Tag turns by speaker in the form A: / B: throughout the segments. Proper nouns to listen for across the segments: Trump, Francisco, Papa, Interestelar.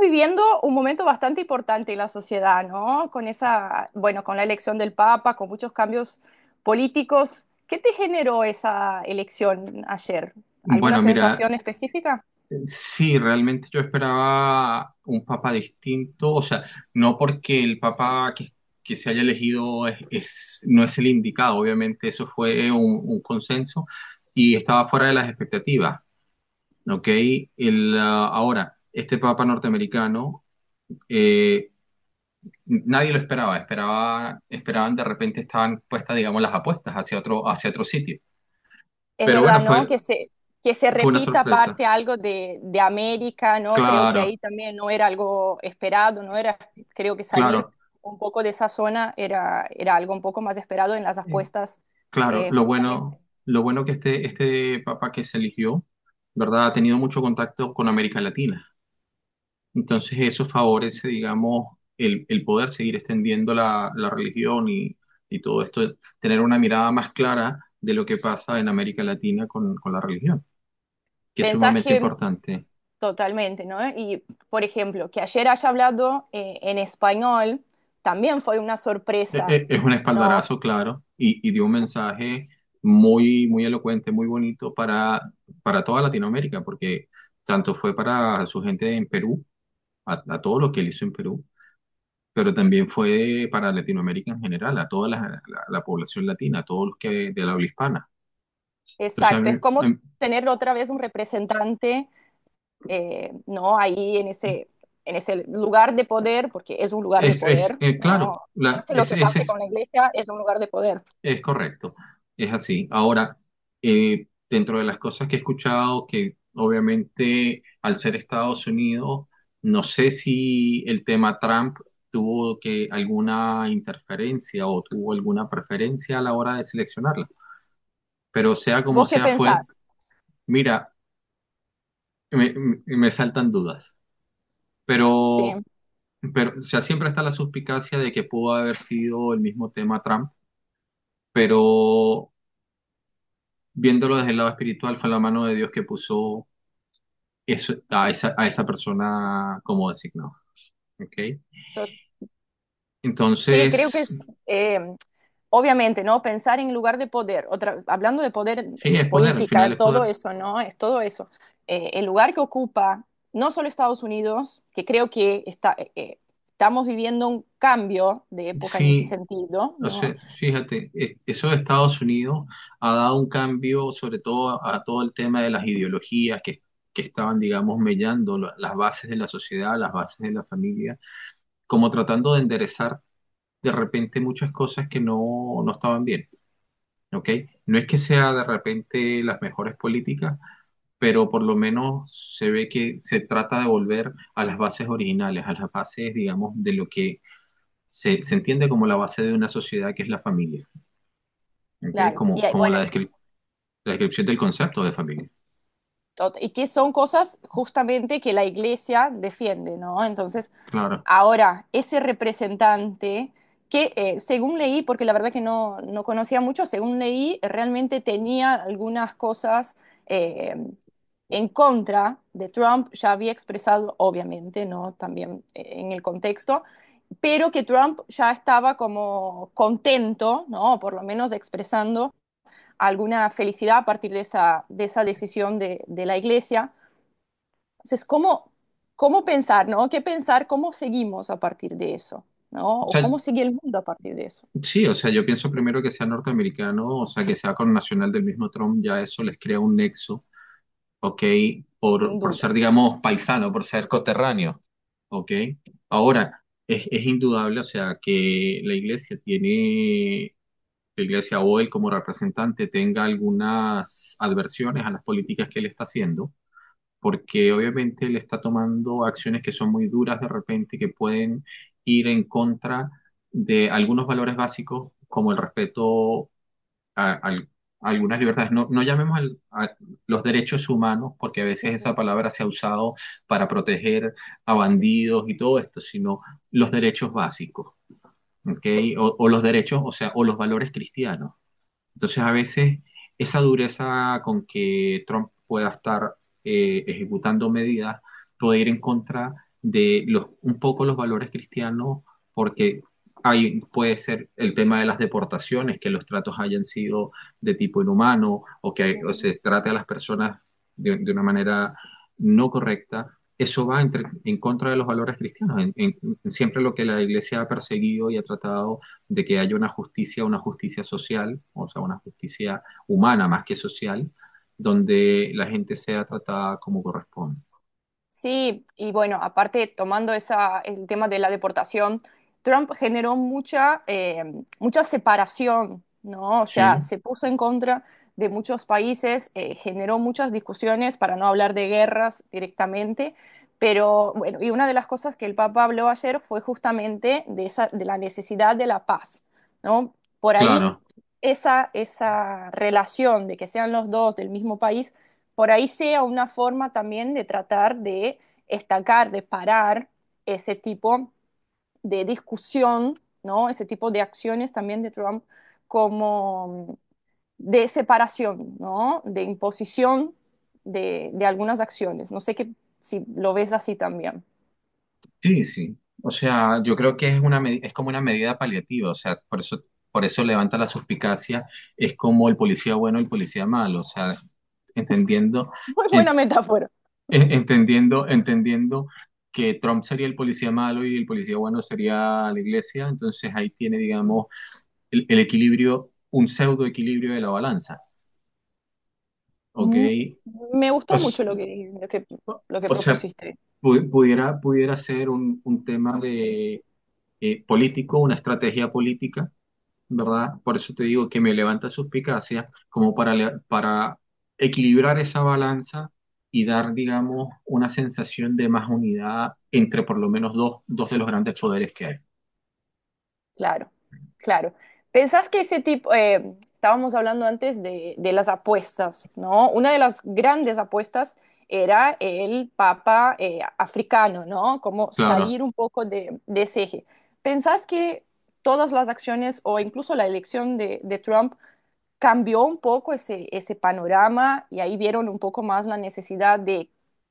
A: Viviendo un momento bastante importante en la sociedad, ¿no? Con esa, bueno, con la elección del Papa, con muchos cambios políticos. ¿Qué te generó esa elección ayer? ¿Alguna
B: Bueno, mira,
A: sensación específica?
B: sí, realmente yo esperaba un papa distinto, o sea, no porque el papa que se haya elegido no es el indicado, obviamente eso fue un consenso y estaba fuera de las expectativas, ¿ok? Ahora, este papa norteamericano, eh, nadie lo esperaba, esperaban de repente, estaban puestas, digamos, las apuestas hacia otro sitio,
A: Es
B: pero bueno,
A: verdad, ¿no? Que se
B: fue una
A: repita
B: sorpresa,
A: aparte algo de América, ¿no? Creo que ahí
B: claro,
A: también no era algo esperado, no era, creo que salir
B: claro.
A: un poco de esa zona era, era algo un poco más esperado en las apuestas,
B: Claro,
A: justamente.
B: lo bueno que este papa que se eligió, ¿verdad? Ha tenido mucho contacto con América Latina. Entonces eso favorece, digamos, el poder seguir extendiendo la religión y todo esto, tener una mirada más clara de lo que pasa en América Latina con la religión, que es
A: ¿Pensás
B: sumamente
A: que
B: importante.
A: totalmente, ¿no? Y, por ejemplo, que ayer haya hablado en español también fue una sorpresa,
B: Es un
A: ¿no?
B: espaldarazo, claro, y dio un mensaje muy, muy elocuente, muy bonito para toda Latinoamérica, porque tanto fue para su gente en Perú, a todo lo que él hizo en Perú, pero también fue para Latinoamérica en general, a toda la población latina, a todos los que de la habla hispana. O sea,
A: Exacto, es como tener otra vez un representante, ¿no? Ahí en en ese lugar de poder, porque es un lugar de
B: es, es
A: poder,
B: eh, claro,
A: ¿no?
B: la,
A: Pase lo que
B: ese ese
A: pase con la iglesia, es un lugar de poder.
B: es correcto, es así. Ahora, dentro de las cosas que he escuchado, que obviamente al ser Estados Unidos, no sé si el tema Trump tuvo que alguna interferencia o tuvo alguna preferencia a la hora de seleccionarla, pero sea como
A: ¿Vos qué
B: sea fue,
A: pensás?
B: mira, me, me saltan dudas,
A: Sí,
B: pero, pero o sea, siempre está la suspicacia de que pudo haber sido el mismo tema Trump, pero viéndolo desde el lado espiritual fue la mano de Dios que puso eso, a esa persona como designado, ¿ok?
A: sí, creo que
B: Entonces,
A: es, eh, obviamente, ¿no? Pensar en lugar de poder, otra, hablando de poder
B: sí, es poder, al final
A: política,
B: es
A: todo
B: poder.
A: eso, ¿no? Es todo eso. El lugar que ocupa no solo Estados Unidos, que creo que está, estamos viviendo un cambio de época en ese
B: Sí,
A: sentido,
B: o sea,
A: ¿no?
B: fíjate, eso de Estados Unidos ha dado un cambio, sobre todo a todo el tema de las ideologías que estaban, digamos, mellando las bases de la sociedad, las bases de la familia, como tratando de enderezar de repente muchas cosas que no, no estaban bien, ¿ok? No es que sea de repente las mejores políticas, pero por lo menos se ve que se trata de volver a las bases originales, a las bases, digamos, de lo que se entiende como la base de una sociedad, que es la familia. ¿Ok?
A: Claro. Y
B: Como,
A: hay,
B: como
A: bueno, y
B: la descripción del concepto de familia.
A: tot- y que son cosas justamente que la iglesia defiende, ¿no? Entonces,
B: Claro.
A: ahora, ese representante que, según leí, porque la verdad que no conocía mucho, según leí, realmente tenía algunas cosas eh, en contra de Trump, ya había expresado, obviamente, ¿no? También en el contexto, pero que Trump ya estaba como contento, ¿no? Por lo menos expresando alguna felicidad a partir de esa decisión de la iglesia. Entonces, ¿cómo, cómo pensar, ¿no? ¿Qué pensar? ¿Cómo seguimos a partir de eso? ¿No?
B: O
A: ¿O
B: sea,
A: cómo sigue el mundo a partir de eso?
B: sí, o sea, yo pienso primero que sea norteamericano, o sea, que sea con nacional del mismo Trump, ya eso les crea un nexo, ¿ok?
A: Sin
B: Por
A: duda.
B: ser, digamos, paisano, por ser coterráneo, ¿ok? Ahora, es indudable, o sea, que la iglesia o él como representante tenga algunas adversiones a las políticas que él está haciendo, porque obviamente él está tomando acciones que son muy duras de repente, que pueden ir en contra de algunos valores básicos, como el respeto a, al- a algunas libertades. No llamemos a los derechos humanos, porque a veces esa
A: Ujú,
B: palabra se ha usado para proteger a bandidos y todo esto, sino los derechos básicos, ¿ok? O los derechos, o sea, o los valores cristianos. Entonces, a veces esa dureza con que Trump pueda estar ejecutando medidas puede ir en contra de un poco los valores cristianos, porque puede ser el tema de las deportaciones, que los tratos hayan sido de tipo inhumano, o que o
A: ujú.
B: se trate a las personas de una manera no correcta. Eso va en contra de los valores cristianos. Siempre lo que la Iglesia ha perseguido y ha tratado de que haya una justicia social, o sea, una justicia humana más que social, donde la gente sea tratada como corresponde.
A: Sí, y bueno, aparte tomando esa, el tema de la deportación, Trump generó mucha, mucha separación, ¿no? O sea,
B: Sí,
A: se puso en contra de muchos países, generó muchas discusiones, para no hablar de guerras directamente, pero bueno, y una de las cosas que el Papa habló ayer fue justamente de esa, de la necesidad de la paz, ¿no? Por ahí
B: claro,
A: esa relación de que sean los dos del mismo país por ahí sea una forma también de tratar de estacar, de parar ese tipo de discusión, ¿no? Ese tipo de acciones también de Trump como de separación, ¿no? De imposición de algunas acciones. No sé qué si lo ves así también.
B: sí, sí. O sea, yo creo que es es como una medida paliativa, o sea, por eso, por eso levanta la suspicacia, es como el policía bueno y el policía malo, o sea, entendiendo,
A: Muy buena
B: en-
A: metáfora.
B: entendiendo que Trump sería el policía malo y el policía bueno sería la iglesia, entonces ahí tiene, digamos, el equilibrio, un pseudo equilibrio de la balanza, ¿ok?
A: Mm, Me
B: O,
A: gustó
B: s-
A: mucho lo lo que
B: o sea,
A: propusiste.
B: pudiera, pudiera ser un tema de, político, una estrategia política, ¿verdad? Por eso te digo que me levanta suspicacia como para, para equilibrar esa balanza y dar, digamos, una sensación de más unidad entre por lo menos dos, dos de los grandes poderes que hay.
A: Claro, claro. ¿Pensás que ese tipo, estábamos hablando antes de las apuestas, ¿no? Una de las grandes apuestas era el papa africano, ¿no? Como
B: Claro.
A: salir un poco de ese eje. ¿Pensás que todas las acciones o incluso la elección de Trump cambió un poco ese, ese panorama y ahí vieron un poco más la necesidad de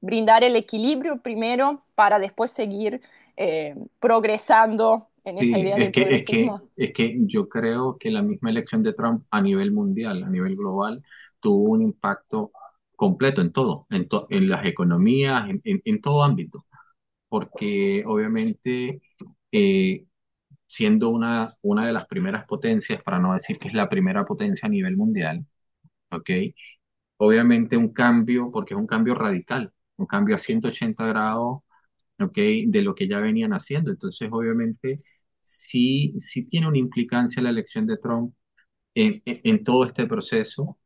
A: brindar el equilibrio primero para después seguir progresando en esa
B: Sí,
A: idea del progresismo.
B: es que yo creo que la misma elección de Trump a nivel mundial, a nivel global, tuvo un impacto completo en todo, en las economías, en todo ámbito, porque obviamente eh, siendo una de las primeras potencias, para no decir que es la primera potencia a nivel mundial, ¿ok? Obviamente un cambio, porque es un cambio radical, un cambio a 180 grados. ¿Ok? De lo que ya venían haciendo. Entonces, obviamente, sí, sí tiene una implicancia la elección de Trump en todo este proceso,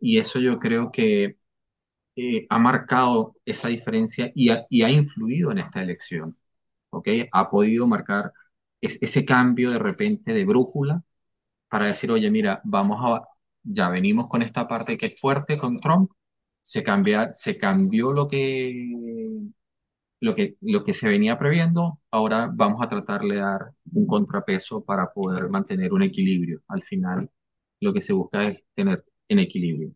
B: y eso yo creo que ha marcado esa diferencia, y ha influido en esta elección, ¿ok? Ha podido marcar ese cambio de repente de brújula para decir, oye, mira, vamos a, ya venimos con esta parte que es fuerte con Trump. Se cambia, se cambió lo que lo que se venía previendo, ahora vamos a tratar de dar un contrapeso para poder mantener un equilibrio. Al final, lo que se busca es tener en equilibrio.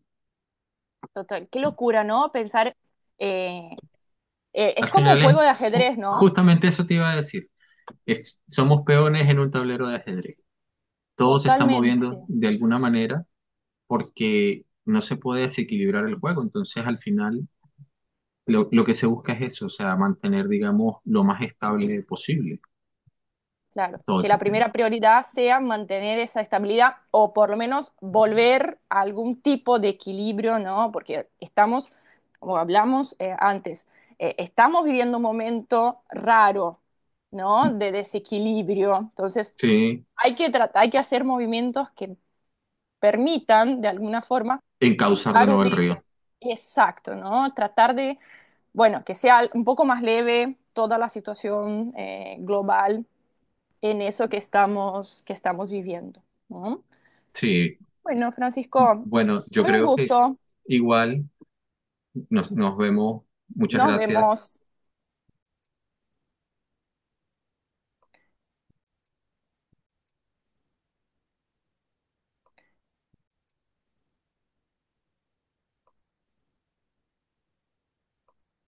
A: Total, qué locura, ¿no? Pensar, eh, es
B: Al
A: como un
B: final es,
A: juego de
B: oh,
A: ajedrez, ¿no?
B: justamente eso te iba a decir, somos peones en un tablero de ajedrez. Todos se están
A: Totalmente.
B: moviendo de alguna manera porque no se puede desequilibrar el juego. Entonces, al final, lo que se busca es eso, o sea, mantener, digamos, lo más estable posible
A: Claro,
B: todo el
A: que la
B: sistema.
A: primera prioridad sea mantener esa estabilidad o por lo menos volver a algún tipo de equilibrio, ¿no? Porque estamos, como hablamos antes, estamos viviendo un momento raro, ¿no? De desequilibrio. Entonces,
B: Sí,
A: hay que tratar, hay que hacer movimientos que permitan, de alguna forma,
B: encauzar de
A: buscar un
B: nuevo el
A: eje
B: río.
A: exacto, ¿no? Tratar de, bueno, que sea un poco más leve toda la situación global en eso que estamos viviendo, ¿no?
B: Sí,
A: Bueno, Francisco,
B: bueno, yo
A: fue un
B: creo que
A: gusto.
B: igual nos vemos. Muchas
A: Nos
B: gracias.
A: vemos.